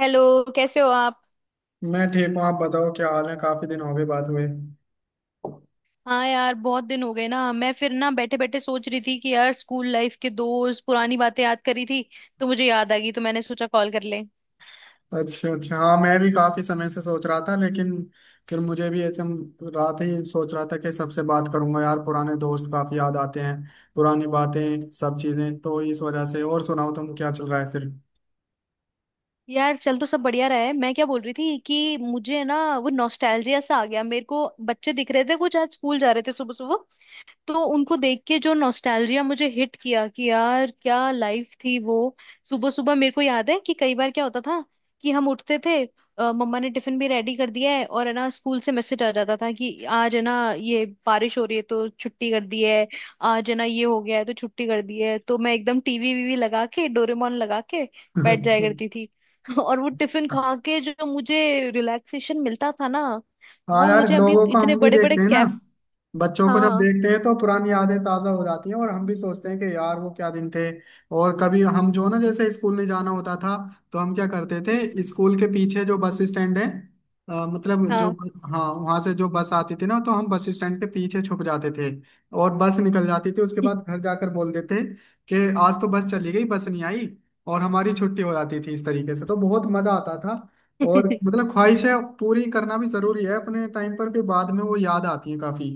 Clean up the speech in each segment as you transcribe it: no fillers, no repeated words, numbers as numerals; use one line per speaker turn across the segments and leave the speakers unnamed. Hello. कैसे हो आप।
मैं ठीक हूँ। आप बताओ, क्या हाल है? काफी दिन हो गए बात हुए।
हाँ यार, बहुत दिन हो गए ना। मैं फिर ना बैठे बैठे सोच रही थी कि यार स्कूल लाइफ के दोस्त, पुरानी बातें याद करी थी, तो मुझे याद आ गई तो मैंने सोचा कॉल कर ले।
अच्छा अच्छा, हाँ मैं भी काफी समय से सोच रहा था, लेकिन फिर मुझे भी ऐसे रात ही सोच रहा था कि सबसे बात करूंगा। यार, पुराने दोस्त काफी याद आते हैं, पुरानी बातें, सब चीजें, तो इस वजह से। और सुनाओ, तुम क्या चल रहा है फिर?
यार चल तो सब बढ़िया रहा है। मैं क्या बोल रही थी कि मुझे ना वो नॉस्टैल्जिया सा आ गया। मेरे को बच्चे दिख रहे थे, कुछ आज स्कूल जा रहे थे सुबह सुबह, तो उनको देख के जो नॉस्टैल्जिया मुझे हिट किया कि यार क्या लाइफ थी वो। सुबह सुबह मेरे को याद है कि कई बार क्या होता था कि हम उठते थे। मम्मा ने टिफिन भी रेडी कर दिया है और है ना स्कूल से मैसेज आ जाता था कि आज है ना ये बारिश हो रही है तो छुट्टी कर दी है। आज है ना ये हो गया है तो छुट्टी कर दी है, तो मैं एकदम टीवी वीवी लगा के, डोरेमोन लगा के बैठ जाया
अच्छा।
करती थी। और वो टिफिन खा के जो मुझे रिलैक्सेशन मिलता था ना,
हाँ
वो
यार,
मुझे अभी
लोगों को
इतने
हम भी
बड़े बड़े
देखते हैं ना,
कैफ।
बच्चों को जब
हाँ।
देखते हैं तो पुरानी यादें ताजा हो जाती हैं। और हम भी सोचते हैं कि यार, वो क्या दिन थे। और कभी हम जो, ना जैसे स्कूल नहीं जाना होता था, तो हम क्या करते
हम्म।
थे, स्कूल के पीछे जो बस स्टैंड है, मतलब जो
हाँ।
हाँ, वहां से जो बस आती थी ना, तो हम बस स्टैंड के पीछे छुप जाते थे और बस निकल जाती थी। उसके बाद घर जाकर बोल देते कि आज तो बस चली गई, बस नहीं आई। और हमारी छुट्टी हो जाती थी इस तरीके से, तो बहुत मजा आता था। और मतलब ख्वाहिशें पूरी करना भी जरूरी है अपने टाइम पर, फिर बाद में वो याद आती है काफी।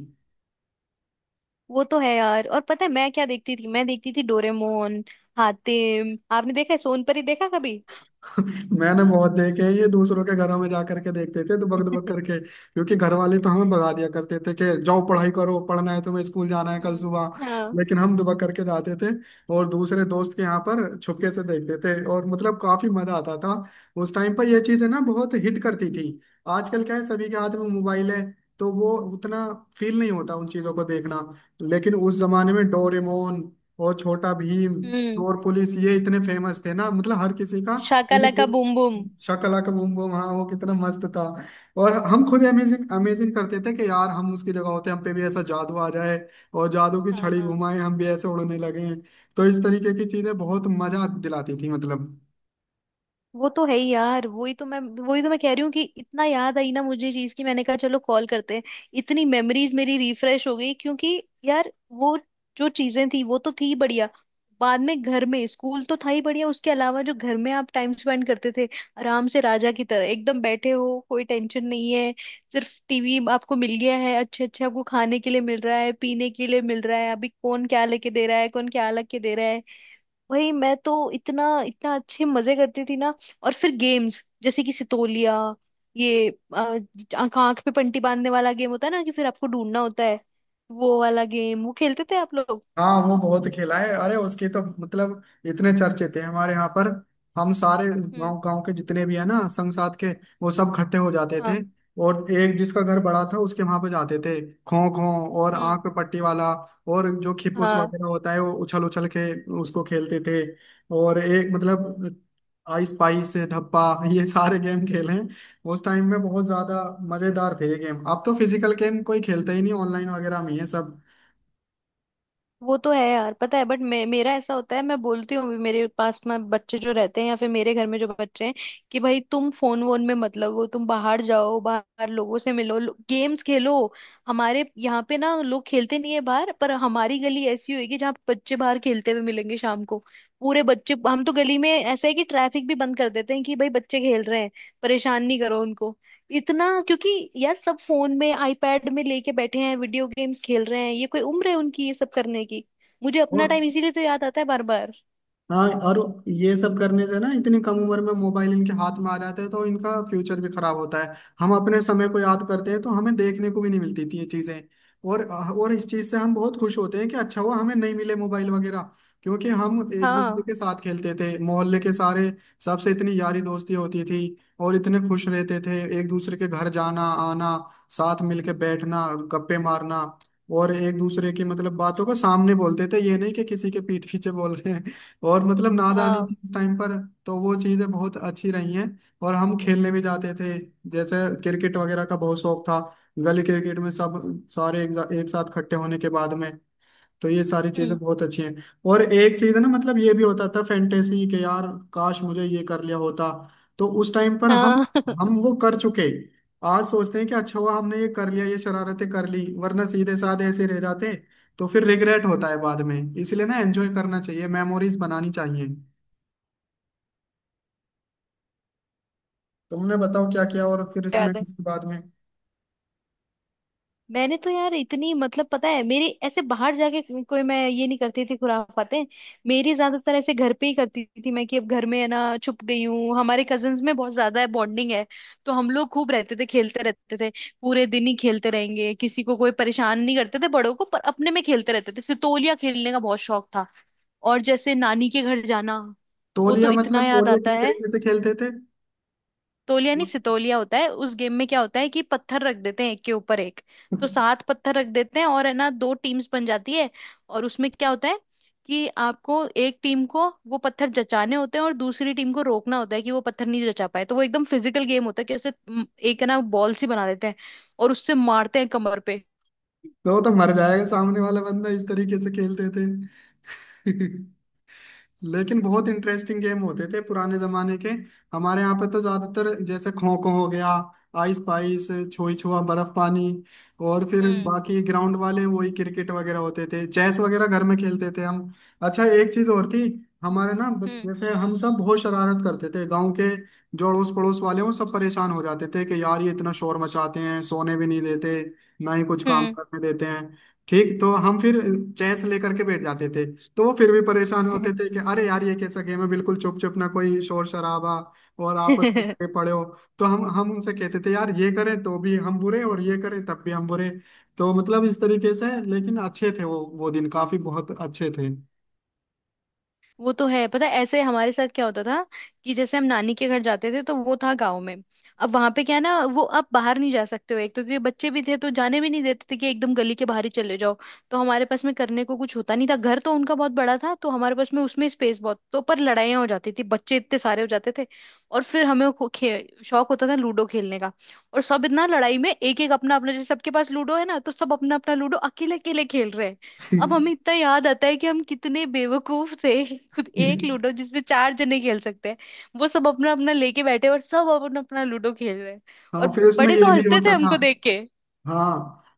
वो तो है यार। और पता है मैं क्या देखती थी? मैं देखती थी डोरेमोन, हातिम। आपने देखा है सोनपरी देखा कभी?
मैंने बहुत देखे हैं ये, दूसरों के घरों में जा करके देखते थे, दुबक दुबक करके, क्योंकि घर वाले तो हमें भगा दिया करते थे कि जाओ पढ़ाई करो, पढ़ना है तुम्हें, स्कूल जाना है कल सुबह।
हम्म। हाँ।
लेकिन हम दुबक करके जाते थे और दूसरे दोस्त के यहाँ पर छुपके से देखते थे, और मतलब काफी मजा आता था उस टाइम पर। ये चीजें ना, बहुत हिट करती थी। आजकल क्या है, सभी के हाथ में मोबाइल है तो वो उतना फील नहीं होता उन चीजों को देखना। लेकिन उस जमाने में डोरेमोन और छोटा भीम,
हम्म।
चोर पुलिस, ये इतने फेमस थे ना, मतलब हर किसी का।
शाका लाका बूम बूम।
शकलाका बूम बूम, हाँ, वो कितना मस्त था। और हम खुद अमेजिंग अमेजिंग करते थे कि यार, हम उसकी जगह होते, हम पे भी ऐसा जादू आ जाए और जादू की छड़ी
हाँ,
घुमाए हम भी, ऐसे उड़ने लगे। तो इस तरीके की चीजें बहुत मजा दिलाती थी मतलब।
वो तो है ही यार। वही तो मैं कह रही हूँ कि इतना याद आई ना मुझे चीज की, मैंने कहा चलो कॉल करते हैं। इतनी मेमोरीज मेरी रिफ्रेश हो गई क्योंकि यार वो, जो चीजें थी वो तो थी बढ़िया। बाद में घर में, स्कूल तो था ही बढ़िया, उसके अलावा जो घर में आप टाइम स्पेंड करते थे, आराम से राजा की तरह एकदम बैठे हो, कोई टेंशन नहीं है। सिर्फ टीवी आपको मिल गया है, अच्छे अच्छे आपको खाने के लिए मिल रहा है, पीने के लिए मिल रहा है, अभी कौन क्या लेके दे रहा है, कौन क्या लेके दे रहा है। वही, मैं तो इतना इतना अच्छे मजे करती थी ना। और फिर गेम्स, जैसे कि सितोलिया, ये आंख आंख पे पट्टी बांधने वाला गेम होता है ना कि फिर आपको ढूंढना होता है, वो वाला गेम वो खेलते थे आप लोग?
हाँ, वो बहुत खेला है। अरे उसके तो मतलब इतने चर्चे थे हमारे यहाँ पर, हम सारे
हम्म।
गांव गांव के जितने भी है ना, संग साथ के, वो सब इकट्ठे हो जाते
हाँ।
थे और एक जिसका घर बड़ा था उसके वहां पे जाते थे। खो खो और
हम्म।
आंख पे पट्टी वाला, और जो खिपुस
हाँ।
वगैरह होता है वो उछल उछल के उसको खेलते थे। और एक मतलब आइस पाइस धप्पा, ये सारे गेम खेले हैं उस टाइम में। बहुत ज्यादा मजेदार थे ये गेम। अब तो फिजिकल गेम कोई खेलता ही नहीं, ऑनलाइन वगैरह में ये सब।
वो तो है यार। पता है बट मेरा ऐसा होता है, मैं बोलती हूँ भी मेरे पास में बच्चे जो रहते हैं या फिर मेरे घर में जो बच्चे हैं कि भाई तुम फोन वोन में मत लगो, तुम बाहर जाओ, बाहर लोगों से मिलो, गेम्स खेलो। हमारे यहाँ पे ना लोग खेलते नहीं है बाहर। पर हमारी गली ऐसी होगी जहाँ बच्चे बाहर खेलते हुए मिलेंगे शाम को। पूरे बच्चे, हम तो गली में ऐसा है कि ट्रैफिक भी बंद कर देते हैं कि भाई बच्चे खेल रहे हैं, परेशान नहीं करो उनको इतना। क्योंकि यार सब फोन में, आईपैड में लेके बैठे हैं, वीडियो गेम्स खेल रहे हैं। ये कोई उम्र है उनकी ये सब करने की? मुझे अपना टाइम इसीलिए तो याद आता है बार बार।
हाँ, और ये सब करने से ना, इतनी कम उम्र में मोबाइल इनके हाथ में आ जाता है, तो इनका फ्यूचर भी खराब होता है। हम अपने समय को याद करते हैं तो हमें देखने को भी नहीं मिलती थी ये चीजें, और और इस चीज से हम बहुत खुश होते हैं कि अच्छा हुआ हमें नहीं मिले मोबाइल वगैरह। क्योंकि हम एक दूसरे
हाँ।
के साथ खेलते थे, मोहल्ले के सारे, सबसे इतनी यारी दोस्ती होती थी और इतने खुश रहते थे, एक दूसरे के घर जाना आना, साथ मिलके बैठना, गप्पे मारना। और एक दूसरे की मतलब बातों को सामने बोलते थे, ये नहीं कि किसी के पीठ पीछे बोल रहे हैं, और मतलब नादानी
हाँ।
थी उस टाइम पर, तो वो चीज़ें बहुत अच्छी रही हैं। और हम खेलने भी जाते थे, जैसे क्रिकेट वगैरह का बहुत शौक था, गली क्रिकेट में सब सारे एक साथ इकट्ठे होने के बाद में, तो ये सारी चीजें
हम्म।
बहुत अच्छी हैं। और एक चीज है ना, मतलब ये भी होता था फैंटेसी के यार, काश मुझे ये कर लिया होता। तो उस टाइम पर हम
हाँ।
हम वो कर चुके, आज सोचते हैं कि अच्छा हुआ हमने ये कर लिया, ये शरारतें कर ली, वरना सीधे साधे ऐसे रह जाते, तो फिर रिग्रेट होता है बाद में। इसलिए ना, एंजॉय करना चाहिए, मेमोरीज बनानी चाहिए। तुमने बताओ क्या किया, और फिर इसमें
याद है,
उसके बाद में।
मैंने तो यार इतनी, मतलब पता है मेरी ऐसे बाहर जाके कोई मैं ये नहीं करती थी खुराफातें। मेरी ज्यादातर ऐसे घर पे ही करती थी मैं, कि अब घर में है ना छुप गई हूँ। हमारे कजन्स में बहुत ज्यादा है बॉन्डिंग है, तो हम लोग खूब रहते थे, खेलते रहते थे। पूरे दिन ही खेलते रहेंगे, किसी को कोई परेशान नहीं करते थे, बड़ों को। पर अपने में खेलते रहते थे, सितोलिया खेलने का बहुत शौक था। और जैसे नानी के घर जाना, वो तो
तौलिया
इतना
मतलब,
याद
तौलिया
आता
किस
है।
तरीके से खेलते थे?
तोलिया नहीं, सितोलिया होता है। उस गेम में क्या होता है कि पत्थर रख देते हैं एक के ऊपर एक, तो 7 पत्थर रख देते हैं, और है ना दो टीम्स बन जाती है। और उसमें क्या होता है कि आपको एक टीम को वो पत्थर जचाने होते हैं और दूसरी टीम को रोकना होता है कि वो पत्थर नहीं जचा पाए। तो वो एकदम फिजिकल गेम होता है कि एक है ना बॉल सी बना देते हैं और उससे मारते हैं कमर पे।
तो वो तो मर जाएगा सामने वाला बंदा, इस तरीके से खेलते थे। लेकिन बहुत इंटरेस्टिंग गेम होते थे पुराने जमाने के। हमारे यहाँ पे तो ज्यादातर जैसे खो खो हो गया, आइस पाइस, छुई छुआ, बर्फ पानी, और फिर
हम्म।
बाकी ग्राउंड वाले वही क्रिकेट वगैरह होते थे। चेस वगैरह घर में खेलते थे हम। अच्छा, एक चीज और थी, हमारे ना
हम्म।
जैसे हम सब बहुत शरारत करते थे गांव के, जो अड़ोस पड़ोस वाले हैं, वो सब परेशान हो जाते थे कि यार, ये इतना शोर मचाते हैं, सोने भी नहीं देते ना ही कुछ काम करने देते हैं। ठीक, तो हम फिर चेस लेकर के बैठ जाते थे, तो वो फिर भी परेशान
हम्म।
होते थे कि अरे यार, ये कैसा गेम है, बिल्कुल चुप चुप, ना कोई शोर शराबा, और आपस में लगे पड़े हो। तो हम उनसे कहते थे, यार ये करें तो भी हम बुरे और ये करें तब भी हम बुरे। तो मतलब इस तरीके से, लेकिन अच्छे थे वो दिन काफी बहुत अच्छे थे।
वो तो है। पता है ऐसे हमारे साथ क्या होता था कि जैसे हम नानी के घर जाते थे, तो वो था गांव में। अब वहां पे क्या है ना, वो आप बाहर नहीं जा सकते हो, एक तो क्योंकि बच्चे भी थे तो जाने भी नहीं देते थे कि एकदम गली के बाहर ही चले जाओ। तो हमारे पास में करने को कुछ होता नहीं था। घर तो उनका बहुत बड़ा था तो हमारे पास में उसमें स्पेस बहुत, तो पर लड़ाइयाँ हो जाती थी, बच्चे इतने सारे हो जाते थे। और फिर हमें शौक होता था लूडो खेलने का। और सब इतना लड़ाई में, एक एक अपना अपना, जैसे सबके पास लूडो है ना, तो सब अपना अपना लूडो अकेले अकेले खेल रहे हैं। अब हमें इतना याद आता है कि हम कितने बेवकूफ थे। खुद एक लूडो जिसमें चार जने खेल सकते हैं, वो सब अपना अपना लेके बैठे, और सब अपना अपना लूडो खेल रहे हैं। और
हाँ, फिर उसमें
बड़े
ये
तो
भी
हंसते थे
होता था।
हमको देख के।
हाँ,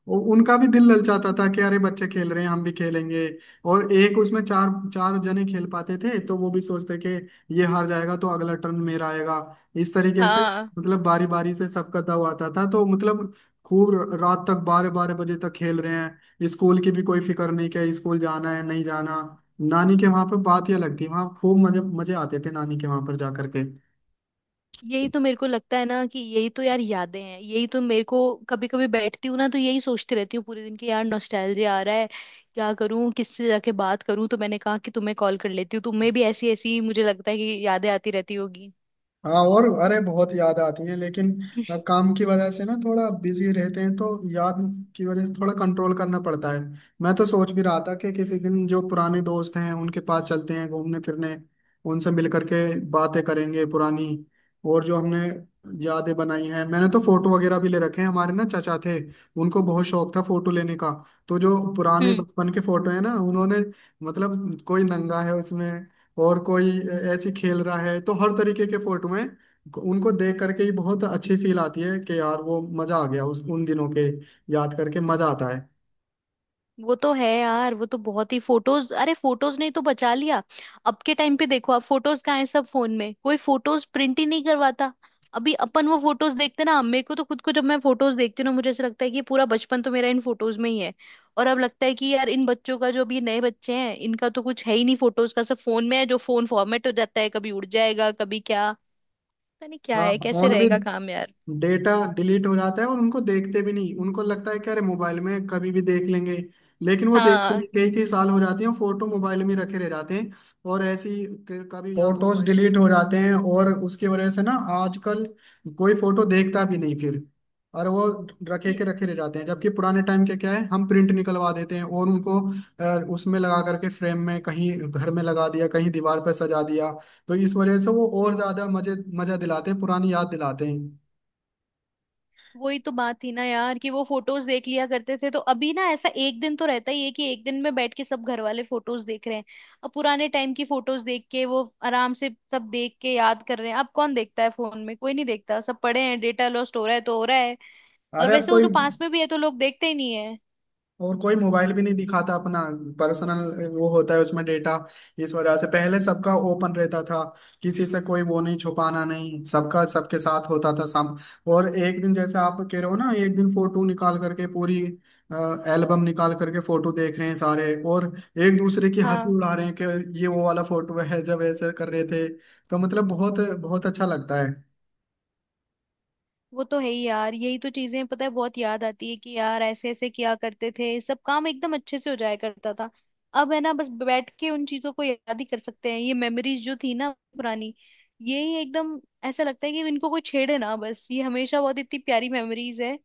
उनका भी दिल ललचाता था कि अरे बच्चे खेल रहे हैं, हम भी खेलेंगे। और एक उसमें चार, चार जने खेल पाते थे, तो वो भी सोचते कि ये हार जाएगा तो अगला टर्न मेरा आएगा, इस तरीके से।
हाँ।
मतलब बारी बारी से सबका दाव आता था, तो मतलब खूब रात तक 12 12 बजे तक खेल रहे हैं, स्कूल की भी कोई फिक्र नहीं कि स्कूल जाना है नहीं जाना। नानी के वहां पर बात ही अलग थी, वहां खूब मजे मजे आते थे नानी के वहां पर जाकर।
यही तो मेरे को लगता है ना कि यही तो यार यादें हैं। यही तो मेरे को कभी कभी बैठती हूँ ना तो यही सोचती रहती हूँ पूरे दिन की, यार नॉस्टैल्जिया आ रहा है, क्या करूँ, किससे जाके बात करूँ, तो मैंने कहा कि तुम्हें कॉल कर लेती हूँ। तुम्हें भी ऐसी ऐसी मुझे लगता है कि यादें आती रहती होगी।
हाँ, और अरे बहुत याद आती है, लेकिन अब काम की वजह से ना, थोड़ा बिजी रहते हैं तो याद की वजह से थोड़ा कंट्रोल करना पड़ता है। मैं तो सोच भी रहा था कि किसी दिन जो पुराने दोस्त हैं उनके पास चलते हैं, घूमने फिरने, उनसे मिल करके बातें करेंगे पुरानी, और जो हमने यादें बनाई हैं। मैंने तो फोटो वगैरह भी ले रखे हैं, हमारे ना चचा थे, उनको बहुत शौक था फोटो लेने का, तो जो पुराने
हम्म।
बचपन के फोटो है ना, उन्होंने मतलब, कोई नंगा है उसमें, और कोई ऐसे खेल रहा है, तो हर तरीके के फोटो हैं। उनको देख करके ही बहुत अच्छी फील आती है कि यार वो मजा आ गया, उस उन दिनों के याद करके मजा आता है।
वो तो है यार, वो तो बहुत ही फोटोज, अरे फोटोज नहीं तो बचा लिया। अब के टाइम पे देखो आप फोटोज कहाँ है, सब फोन में, कोई फोटोज प्रिंट ही नहीं करवाता। अभी अपन वो फोटोज देखते ना, मेरे को तो खुद को जब मैं फोटोज देखती हूँ ना मुझे ऐसा लगता है कि पूरा बचपन तो मेरा इन फोटोज में ही है। और अब लगता है कि यार इन बच्चों का, जो अभी नए बच्चे हैं, इनका तो कुछ है ही नहीं फोटोज का, सब फोन में है। जो फोन फॉर्मेट हो जाता है, कभी उड़ जाएगा, कभी क्या, पता नहीं क्या
हाँ,
है कैसे
फोन भी,
रहेगा
हाँ,
काम यार।
डेटा डिलीट हो जाता है, और उनको देखते भी नहीं, उनको लगता है कि अरे मोबाइल में कभी भी देख लेंगे। लेकिन वो देखते
हाँ।
नहीं, कई कई साल हो जाते हैं, फोटो मोबाइल में ही रखे रह जाते हैं। और ऐसी कभी या तो फोटोज डिलीट हो जाते हैं, और उसकी वजह से ना, आजकल कोई फोटो देखता भी नहीं फिर, और वो रखे के रखे रह जाते हैं। जबकि पुराने टाइम के क्या है, हम प्रिंट निकलवा देते हैं और उनको उसमें लगा करके फ्रेम में कहीं घर में लगा दिया, कहीं दीवार पर सजा दिया, तो इस वजह से वो और ज्यादा मजे, मजा दिलाते हैं, पुरानी याद दिलाते हैं।
वही तो बात थी ना यार कि वो फोटोज देख लिया करते थे। तो अभी ना ऐसा एक दिन तो रहता ही है कि एक दिन में बैठ के सब घर वाले फोटोज देख रहे हैं, अब पुराने टाइम की फोटोज देख के वो आराम से सब देख के याद कर रहे हैं। अब कौन देखता है, फोन में कोई नहीं देखता, सब पड़े हैं, डेटा लॉस्ट हो रहा है तो हो रहा है। और
अरे अब
वैसे वो
कोई,
जो पास में भी है तो लोग देखते ही नहीं है।
और कोई मोबाइल भी नहीं दिखाता अपना, पर्सनल वो होता है उसमें डेटा, इस वजह से। पहले सबका ओपन रहता था, किसी से कोई वो नहीं, छुपाना नहीं, सबका सबके साथ होता था सब। और एक दिन जैसे आप कह रहे हो ना, एक दिन फोटो निकाल करके, पूरी एल्बम निकाल करके फोटो देख रहे हैं सारे, और एक दूसरे की हंसी
हाँ।
उड़ा रहे हैं कि ये वो वाला फोटो है जब ऐसे कर रहे थे, तो मतलब बहुत बहुत अच्छा लगता है।
वो तो है ही यार, यही तो चीजें पता है बहुत याद आती है कि यार ऐसे ऐसे किया करते थे, सब काम एकदम अच्छे से हो जाया करता था। अब है ना, बस बैठ के उन चीजों को याद ही कर सकते हैं। ये मेमोरीज जो थी ना, पुरानी, यही एकदम, ऐसा लगता है कि इनको कोई छेड़े ना बस, ये हमेशा, बहुत इतनी प्यारी मेमोरीज है,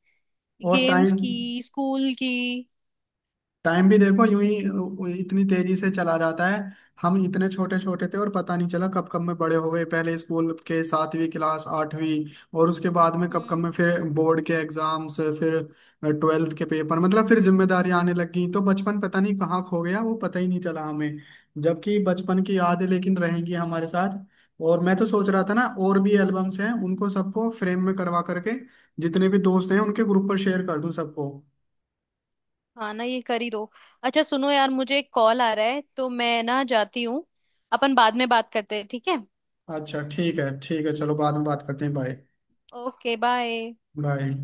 और
गेम्स
टाइम,
की, स्कूल की।
टाइम भी देखो यूं ही इतनी तेजी से चला जाता है। हम इतने छोटे छोटे थे और पता नहीं चला कब कब में बड़े हो गए। पहले स्कूल के 7वीं क्लास, 8वीं, और उसके बाद में कब कब
हम्म।
में फिर बोर्ड के एग्जाम्स, फिर 12th के पेपर, मतलब फिर जिम्मेदारियां आने लग गई, तो बचपन पता नहीं कहाँ खो गया, वो पता ही नहीं चला हमें। जबकि बचपन की यादें लेकिन रहेंगी हमारे साथ। और मैं तो सोच रहा था ना, और भी एल्बम्स हैं, उनको सबको फ्रेम में करवा करके जितने भी दोस्त हैं उनके ग्रुप पर शेयर कर दूं सबको।
हाँ ना, ये कर ही दो। अच्छा सुनो यार, मुझे एक कॉल आ रहा है तो मैं ना जाती हूँ। अपन बाद में बात करते हैं, ठीक है।
अच्छा ठीक है, ठीक है, चलो बाद में बात करते हैं। बाय।
Okay, bye.
बाय।